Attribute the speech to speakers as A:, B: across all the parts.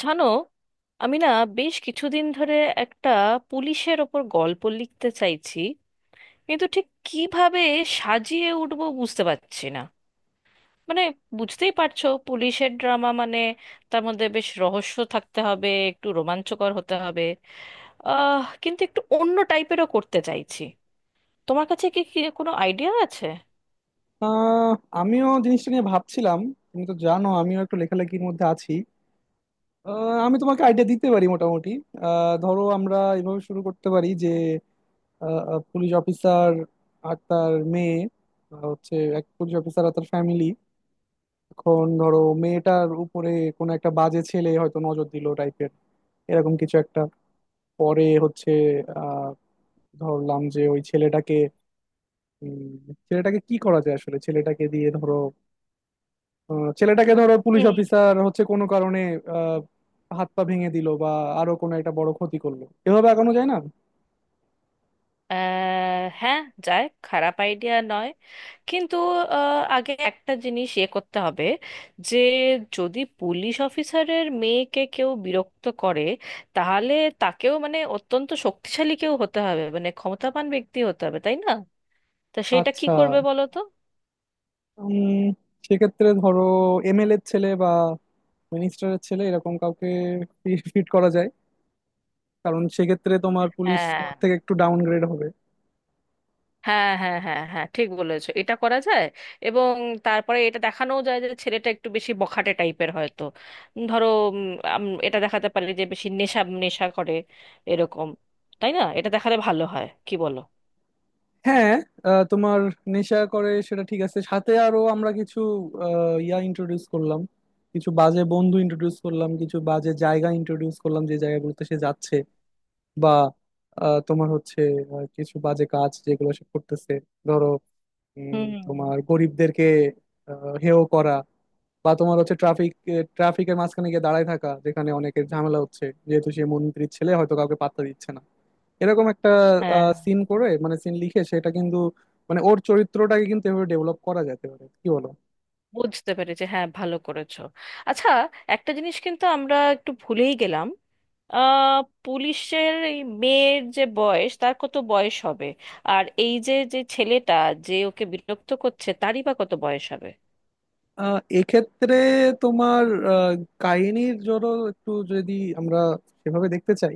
A: জানো, আমি না বেশ কিছুদিন ধরে একটা পুলিশের ওপর গল্প লিখতে চাইছি, কিন্তু ঠিক কিভাবে সাজিয়ে উঠবো বুঝতে পারছি না। মানে, বুঝতেই পারছো পুলিশের ড্রামা মানে তার মধ্যে বেশ রহস্য থাকতে হবে, একটু রোমাঞ্চকর হতে হবে। কিন্তু একটু অন্য টাইপেরও করতে চাইছি। তোমার কাছে কি কি কোনো আইডিয়া আছে?
B: আহ আমিও জিনিসটা নিয়ে ভাবছিলাম। তুমি তো জানো আমিও একটু লেখালেখির মধ্যে আছি। আহ, আমি তোমাকে আইডিয়া দিতে পারি মোটামুটি। ধরো আমরা এভাবে শুরু করতে পারি যে পুলিশ অফিসার আর তার মেয়ে। হচ্ছে এক পুলিশ অফিসার আর তার ফ্যামিলি। এখন ধরো মেয়েটার উপরে কোনো একটা বাজে ছেলে হয়তো নজর দিল টাইপের, এরকম কিছু একটা। পরে হচ্ছে আহ ধরলাম যে ওই ছেলেটাকে, উম, ছেলেটাকে কি করা যায়, আসলে ছেলেটাকে দিয়ে ধরো ছেলেটাকে ধরো পুলিশ
A: হুম।
B: অফিসার হচ্ছে কোনো কারণে আহ, হাত পা ভেঙে দিল বা আরো কোনো একটা বড় ক্ষতি করলো, এভাবে এগোনো যায় না।
A: হ্যাঁ, যায়, খারাপ আইডিয়া নয়। কিন্তু আগে একটা জিনিস ইয়ে করতে হবে, যে যদি পুলিশ অফিসারের মেয়েকে কেউ বিরক্ত করে, তাহলে তাকেও মানে অত্যন্ত শক্তিশালী কেউ হতে হবে, মানে ক্ষমতাবান ব্যক্তি হতে হবে, তাই না? তা সেটা কি
B: আচ্ছা,
A: করবে বলো তো।
B: উম, সেক্ষেত্রে ধরো এমএলএ এর ছেলে বা মিনিস্টারের ছেলে এরকম কাউকে ফিট করা যায়, কারণ সেক্ষেত্রে তোমার পুলিশ
A: হ্যাঁ
B: থেকে একটু ডাউনগ্রেড হবে।
A: হ্যাঁ হ্যাঁ হ্যাঁ হ্যাঁ ঠিক বলেছো, এটা করা যায়। এবং তারপরে এটা দেখানোও যায় যে ছেলেটা একটু বেশি বখাটে টাইপের হয়তো। ধরো, উম, এটা দেখাতে পারি যে বেশি নেশা নেশা করে, এরকম। তাই না, এটা দেখালে ভালো হয় কি বলো?
B: হ্যাঁ, তোমার নেশা করে সেটা ঠিক আছে, সাথে আরো আমরা কিছু আহ, ইয়া ইন্ট্রোডিউস করলাম, কিছু বাজে বন্ধু ইন্ট্রোডিউস করলাম, কিছু বাজে জায়গা ইন্ট্রোডিউস করলাম যে জায়গাগুলোতে সে যাচ্ছে, বা তোমার হচ্ছে কিছু বাজে কাজ যেগুলো সে করতেছে। ধরো
A: হুম।
B: তোমার গরিবদেরকে হেয় করা, বা তোমার হচ্ছে ট্রাফিকের মাঝখানে গিয়ে দাঁড়ায় থাকা, যেখানে অনেকের ঝামেলা হচ্ছে, যেহেতু সে মন্ত্রীর ছেলে হয়তো কাউকে পাত্তা দিচ্ছে না, এরকম একটা
A: হ্যাঁ,
B: সিন করে, মানে সিন লিখে সেটা কিন্তু, মানে ওর চরিত্রটাকে কিন্তু এভাবে ডেভেলপ করা যেতে পারে, কি বলো?
A: বুঝতে পেরেছি, হ্যাঁ ভালো করেছো। আচ্ছা, একটা জিনিস কিন্তু আমরা একটু ভুলেই গেলাম। আহ পুলিশের এই মেয়ের যে বয়স, তার কত বয়স হবে? আর এই যে যে ছেলেটা যে ওকে বিরক্ত করছে, তারই বা কত বয়স হবে?
B: এক্ষেত্রে তোমার আহ, কাহিনীর জন্য একটু যদি আমরা সেভাবে দেখতে চাই,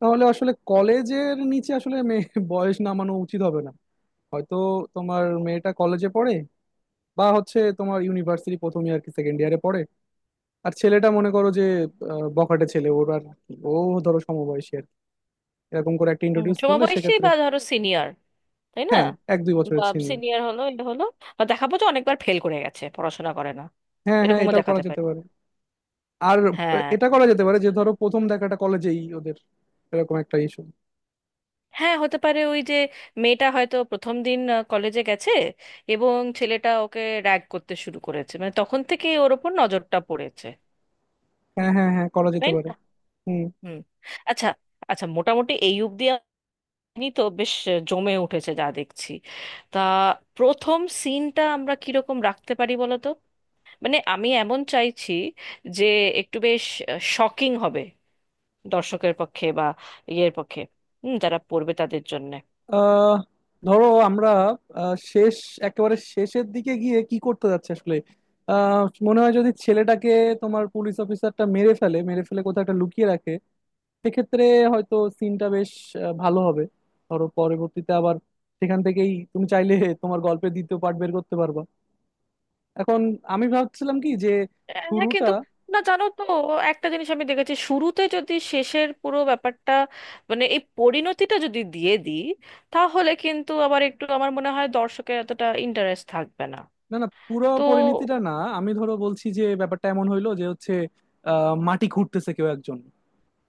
B: তাহলে আসলে কলেজের নিচে আসলে মেয়ে বয়স নামানো উচিত হবে না। হয়তো তোমার মেয়েটা কলেজে পড়ে, বা হচ্ছে তোমার ইউনিভার্সিটি প্রথম ইয়ার কি সেকেন্ড ইয়ারে পড়ে। আর ছেলেটা মনে করো যে বখাটে ছেলে, ওর আর কি, ও ধরো সমবয়সী আর কি। এরকম করে একটা
A: হুম,
B: ইন্ট্রোডিউস করলে
A: সমবয়সী
B: সেক্ষেত্রে
A: বা ধরো সিনিয়র, তাই না?
B: হ্যাঁ, 1-2
A: বা
B: বছরের সিনিয়র।
A: সিনিয়র হলো, এটা হলো, বা দেখাবো যে অনেকবার ফেল করে গেছে, পড়াশোনা করে না।
B: হ্যাঁ হ্যাঁ,
A: এরকমও
B: এটাও করা
A: দেখাতে
B: যেতে
A: পারি।
B: পারে। আর
A: হ্যাঁ।
B: এটা করা যেতে পারে যে ধরো প্রথম দেখাটা কলেজেই ওদের, এরকম একটা ইস্যু।
A: হ্যাঁ, হতে পারে। ওই যে, মেয়েটা হয়তো প্রথম দিন কলেজে গেছে, এবং ছেলেটা ওকে র্যাগ করতে শুরু করেছে, মানে তখন থেকেই ওর ওপর নজরটা পড়েছে।
B: হ্যাঁ হ্যাঁ হ্যাঁ, করা যেতে
A: তাই
B: পারে।
A: না?
B: হুম।
A: হুম। আচ্ছা। আচ্ছা, মোটামুটি এই অবধি আপনি তো বেশ, জমে উঠেছে যা দেখছি। তা প্রথম সিনটা আমরা কিরকম রাখতে পারি বলো তো। মানে আমি এমন চাইছি যে একটু বেশ শকিং হবে দর্শকের পক্ষে, বা ইয়ের পক্ষে, হুম, যারা পড়বে তাদের জন্যে।
B: আহ ধরো আমরা আহ, শেষ একেবারে শেষের দিকে গিয়ে কি করতে যাচ্ছে আসলে, আহ, মনে হয় যদি ছেলেটাকে তোমার পুলিশ অফিসারটা মেরে ফেলে কোথাও একটা লুকিয়ে রাখে, সেক্ষেত্রে হয়তো সিনটা বেশ ভালো হবে। ধরো পরবর্তীতে আবার সেখান থেকেই তুমি চাইলে তোমার গল্পের দ্বিতীয় পার্ট বের করতে পারবা। এখন আমি ভাবছিলাম কি যে
A: হ্যাঁ,
B: শুরুটা,
A: কিন্তু, না জানো তো, একটা জিনিস আমি দেখেছি, শুরুতে যদি শেষের পুরো ব্যাপারটা, মানে এই পরিণতিটা যদি দিয়ে দিই, তাহলে কিন্তু আবার একটু আমার মনে হয় দর্শকের এতটা ইন্টারেস্ট থাকবে না।
B: না না পুরো
A: তো
B: পরিণতিটা না। আমি ধরো বলছি যে ব্যাপারটা এমন হইলো যে হচ্ছে মাটি খুঁড়তেছে কেউ একজন,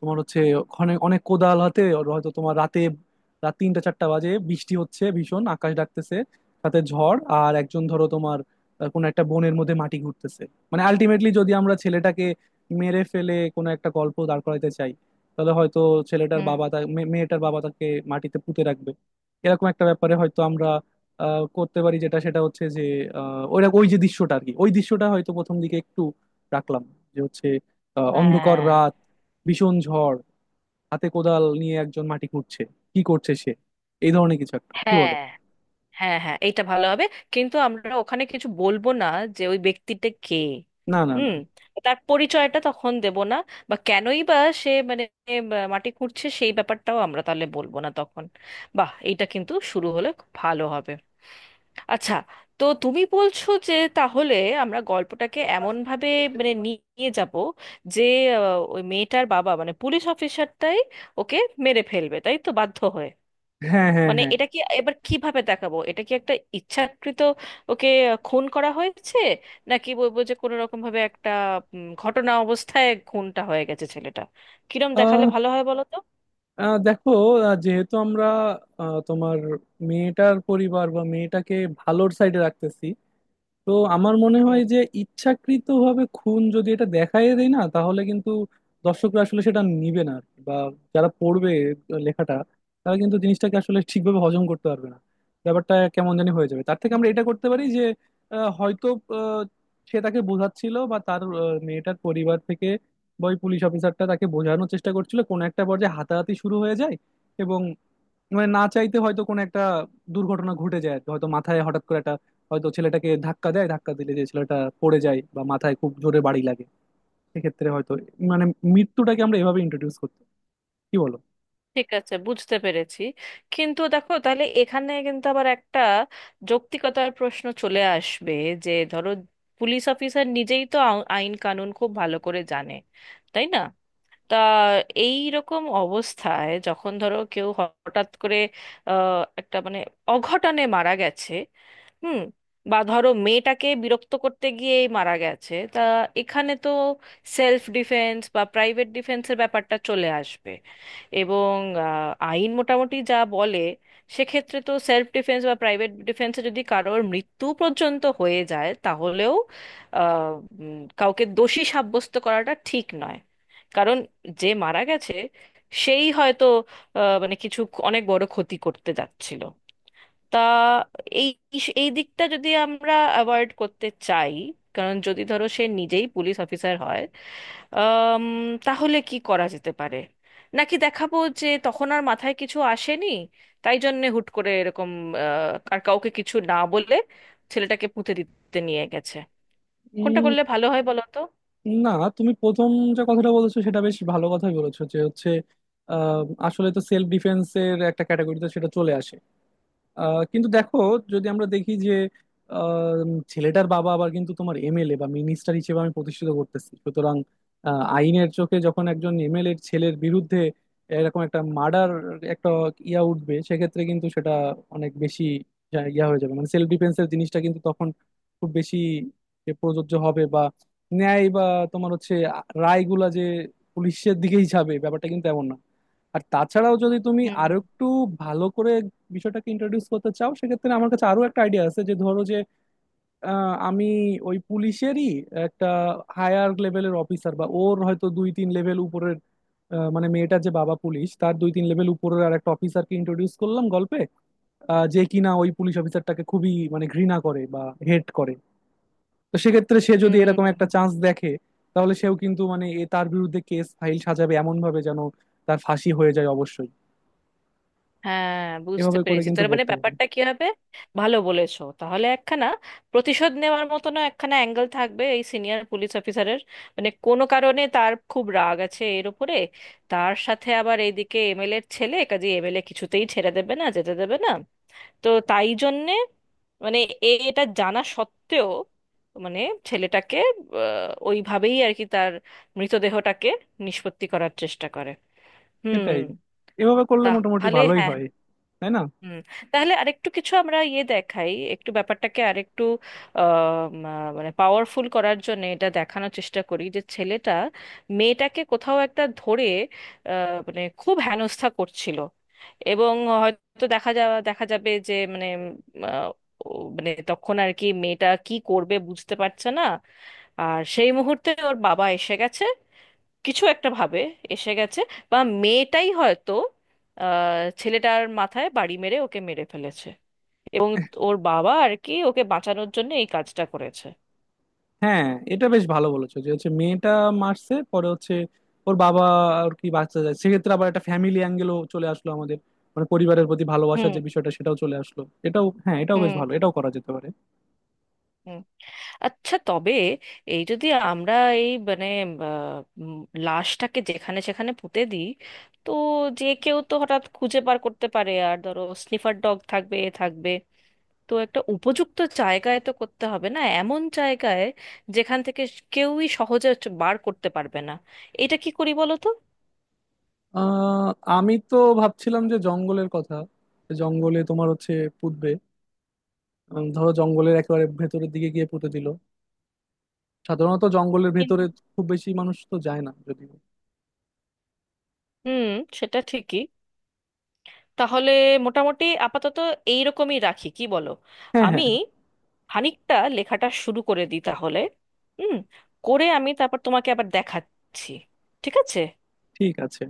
B: তোমার হচ্ছে ওখানে অনেক কোদাল হাতে, ওর হয়তো তোমার রাতে, রাত 3-4টা বাজে, বৃষ্টি হচ্ছে ভীষণ, আকাশ ডাকতেছে সাথে ঝড়, আর একজন ধরো তোমার কোনো একটা বনের মধ্যে মাটি ঘুরতেছে। মানে আলটিমেটলি যদি আমরা ছেলেটাকে মেরে ফেলে কোনো একটা গল্প দাঁড় করাইতে চাই, তাহলে হয়তো ছেলেটার
A: হুম।
B: বাবা তা মে- মেয়েটার বাবা তাকে মাটিতে পুঁতে রাখবে। এরকম একটা ব্যাপারে হয়তো আমরা করতে পারি, যেটা সেটা হচ্ছে যে আহ, ওই ওই যে দৃশ্যটা আর কি, ওই দৃশ্যটা হয়তো প্রথম দিকে একটু রাখলাম, যে হচ্ছে অন্ধকার
A: হ্যাঁ
B: রাত, ভীষণ ঝড়, হাতে কোদাল নিয়ে একজন মাটি খুঁড়ছে, কি করছে সে, এই ধরনের কিছু একটা, কি
A: হ্যাঁ
B: বলো?
A: হ্যাঁ হ্যাঁ এইটা ভালো হবে, কিন্তু আমরা ওখানে কিছু বলবো না, যে ওই ব্যক্তিটা কে।
B: না না না।
A: হুম। তার পরিচয়টা তখন দেব না, বা কেনই বা সে মানে, আহ, মাটি খুঁড়ছে সেই ব্যাপারটাও আমরা তাহলে বলবো না তখন। বাহ, এইটা কিন্তু শুরু হলে খুব ভালো হবে। আচ্ছা, তো তুমি বলছো যে তাহলে আমরা গল্পটাকে এমন ভাবে, মানে নিয়ে যাব, যে ওই মেয়েটার বাবা মানে পুলিশ অফিসারটাই ওকে মেরে ফেলবে, তাই তো, বাধ্য হয়ে।
B: হ্যাঁ হ্যাঁ
A: মানে
B: হ্যাঁ।
A: এটা কি এবার কিভাবে দেখাবো, এটা কি একটা ইচ্ছাকৃত ওকে খুন করা হয়েছে, নাকি বলবো যে কোনো রকম ভাবে একটা ঘটনা অবস্থায় খুনটা হয়ে গেছে ছেলেটা? কিরম দেখালে
B: আহ,
A: ভালো হয় বলো তো।
B: আহ, দেখো, যেহেতু আমরা তোমার মেয়েটার পরিবার বা মেয়েটাকে ভালোর সাইডে রাখতেছি, তো আমার মনে
A: হুম।
B: হয় যে ইচ্ছাকৃতভাবে খুন যদি এটা দেখায় দেয় না তাহলে কিন্তু দর্শকরা আসলে সেটা নিবে না আর কি। বা যারা পড়বে লেখাটা, তারা কিন্তু জিনিসটাকে আসলে ঠিকভাবে হজম করতে পারবে না, ব্যাপারটা কেমন জানি হয়ে যাবে। তার থেকে আমরা এটা
A: হুম।
B: করতে পারি যে হয়তো আহ, সে তাকে বোঝাচ্ছিল বা তার মেয়েটার পরিবার থেকে, বা ওই পুলিশ অফিসারটা তাকে বোঝানোর চেষ্টা করছিল, কোনো একটা পর্যায়ে হাতাহাতি শুরু হয়ে যায়, এবং মানে না চাইতে হয়তো কোনো একটা দুর্ঘটনা ঘটে যায় আর কি। হয়তো মাথায় হঠাৎ করে একটা, হয়তো ছেলেটাকে ধাক্কা দেয়, ধাক্কা দিলে যে ছেলেটা পড়ে যায় বা মাথায় খুব জোরে বাড়ি লাগে, সেক্ষেত্রে হয়তো, মানে মৃত্যুটাকে আমরা এভাবে ইন্ট্রোডিউস করতে, কি বলো?
A: ঠিক আছে, বুঝতে পেরেছি। কিন্তু দেখো, তাহলে এখানে কিন্তু আবার একটা যৌক্তিকতার প্রশ্ন চলে আসবে, যে ধরো পুলিশ অফিসার নিজেই তো আইন কানুন খুব ভালো করে জানে, তাই না? তা এই রকম অবস্থায়, যখন ধরো কেউ হঠাৎ করে একটা মানে অঘটনে মারা গেছে, হুম, বা ধরো মেয়েটাকে বিরক্ত করতে গিয়েই মারা গেছে, তা এখানে তো সেলফ ডিফেন্স বা প্রাইভেট ডিফেন্সের ব্যাপারটা চলে আসবে। এবং আইন মোটামুটি যা বলে, সেক্ষেত্রে তো সেলফ ডিফেন্স বা প্রাইভেট ডিফেন্সে যদি কারোর মৃত্যু পর্যন্ত হয়ে যায় তাহলেও আহ, কাউকে দোষী সাব্যস্ত করাটা ঠিক নয়। কারণ যে মারা গেছে, সেই হয়তো মানে কিছু অনেক বড় ক্ষতি করতে যাচ্ছিল। তা এই, এই দিকটা যদি আমরা অ্যাভয়েড করতে চাই, কারণ যদি ধরো সে নিজেই পুলিশ অফিসার হয়, আম, তাহলে কি করা যেতে পারে? নাকি দেখাবো যে তখন আর মাথায় কিছু আসেনি, তাই জন্যে হুট করে এরকম আর কাউকে কিছু না বলে ছেলেটাকে পুঁতে দিতে নিয়ে গেছে? কোনটা
B: উম,
A: করলে ভালো হয় বলো তো।
B: না, তুমি প্রথম যে কথাটা বলেছো সেটা বেশ ভালো কথাই বলেছো, যে হচ্ছে আহ, আসলে তো সেলফ ডিফেন্সের একটা ক্যাটাগরিতে সেটা চলে আসে। কিন্তু দেখো, যদি আমরা দেখি যে আহ, ছেলেটার বাবা আবার কিন্তু তোমার এমএলএ বা মিনিস্টার হিসেবে আমি প্রতিষ্ঠিত করতেছি, সুতরাং আইনের চোখে যখন একজন এমএলএ ছেলের বিরুদ্ধে এরকম একটা মার্ডার, একটা উঠবে, সেক্ষেত্রে কিন্তু সেটা অনেক বেশি যা- ইয়া হয়ে যাবে, মানে সেলফ ডিফেন্সের জিনিসটা কিন্তু তখন খুব বেশি যে প্রযোজ্য হবে, বা ন্যায় বা তোমার হচ্ছে রায়গুলা যে পুলিশের দিকেই যাবে, ব্যাপারটা কিন্তু এমন না। আর তাছাড়াও যদি তুমি
A: হুম।
B: আরো একটু ভালো করে বিষয়টাকে ইন্ট্রোডিউস করতে চাও, সেক্ষেত্রে আমার কাছে আরো একটা আইডিয়া আছে, যে ধরো যে আমি ওই পুলিশেরই একটা হায়ার লেভেলের অফিসার, বা ওর হয়তো 2-3 লেভেল উপরের, মানে মেয়েটার যে বাবা পুলিশ তার 2-3 লেভেল উপরের আর একটা অফিসারকে ইন্ট্রোডিউস করলাম গল্পে, যে কিনা ওই পুলিশ অফিসারটাকে খুবই মানে ঘৃণা করে বা হেট করে। তো সেক্ষেত্রে সে যদি
A: হুম।
B: এরকম একটা চান্স
A: হুম।
B: দেখে, তাহলে সেও কিন্তু মানে এ তার বিরুদ্ধে কেস ফাইল সাজাবে এমন ভাবে, যেন তার ফাঁসি হয়ে যায় অবশ্যই,
A: হ্যাঁ, বুঝতে
B: এভাবে করে
A: পেরেছি,
B: কিন্তু
A: তার মানে
B: পড়তে পারি।
A: ব্যাপারটা কি হবে, ভালো বলেছো। তাহলে একখানা প্রতিশোধ নেওয়ার মতনও একখানা অ্যাঙ্গেল থাকবে এই সিনিয়র পুলিশ অফিসারের, মানে কোনো কারণে তার খুব রাগ আছে এর উপরে। তার সাথে আবার এইদিকে এমএলএ এর ছেলে, কাজে এমএলএ কিছুতেই ছেড়ে দেবে না, যেতে দেবে না। তো তাই জন্যে মানে, এটা জানা সত্ত্বেও মানে ছেলেটাকে ওইভাবেই আর কি তার মৃতদেহটাকে নিষ্পত্তি করার চেষ্টা করে। হুম।
B: এটাই, এভাবে করলে মোটামুটি
A: তাহলে
B: ভালোই
A: হ্যাঁ।
B: হয়, তাই না?
A: হুম। তাহলে আরেকটু কিছু আমরা ইয়ে দেখাই, একটু ব্যাপারটাকে আরেকটু আহ, মানে পাওয়ারফুল করার জন্য এটা দেখানোর চেষ্টা করি যে ছেলেটা মেয়েটাকে কোথাও একটা ধরে মানে খুব হেনস্থা করছিল, এবং হয়তো দেখা যাবে যে মানে ও মানে তখন আর কি মেয়েটা কি করবে বুঝতে পারছে না, আর সেই মুহূর্তে ওর বাবা এসে গেছে, কিছু একটা ভাবে এসে গেছে। বা মেয়েটাই হয়তো ছেলেটার মাথায় বাড়ি মেরে ওকে মেরে ফেলেছে, এবং ওর বাবা আর কি ওকে বাঁচানোর জন্য এই কাজটা করেছে।
B: হ্যাঁ, এটা বেশ ভালো বলেছো, যে হচ্ছে মেয়েটা মারছে, পরে হচ্ছে ওর বাবা আর কি বাঁচতে যায়, সেক্ষেত্রে আবার একটা ফ্যামিলি অ্যাঙ্গেলও চলে আসলো আমাদের, মানে পরিবারের প্রতি ভালোবাসার
A: হুম।
B: যে বিষয়টা সেটাও চলে আসলো। এটাও হ্যাঁ, এটাও বেশ
A: হুম।
B: ভালো, এটাও করা যেতে পারে।
A: হুম। আচ্ছা, তবে এই যদি আমরা এই মানে আহ, উম, লাশটাকে যেখানে সেখানে পুঁতে দিই, তো যে কেউ তো হঠাৎ খুঁজে বার করতে পারে, আর ধরো স্নিফার ডগ থাকবে, এ থাকবে। তো একটা উপযুক্ত জায়গায় তো করতে হবে, না এমন জায়গায় যেখান থেকে কেউই সহজে হচ্ছে বার করতে পারবে না। এটা কি করি বলো তো।
B: আহ আমি তো ভাবছিলাম যে জঙ্গলের কথা, জঙ্গলে তোমার হচ্ছে পুঁতবে, ধরো জঙ্গলের একেবারে ভেতরের দিকে গিয়ে পুঁতে দিল, সাধারণত জঙ্গলের
A: কিন্তু
B: ভেতরে খুব বেশি মানুষ তো যায় না যদিও।
A: হুম, সেটা ঠিকই। তাহলে মোটামুটি আপাতত এইরকমই রাখি কি বলো?
B: হ্যাঁ
A: আমি
B: হ্যাঁ,
A: খানিকটা লেখাটা শুরু করে দিই তাহলে। হুম, করে আমি তারপর তোমাকে আবার দেখাচ্ছি, ঠিক আছে?
B: ঠিক আছে।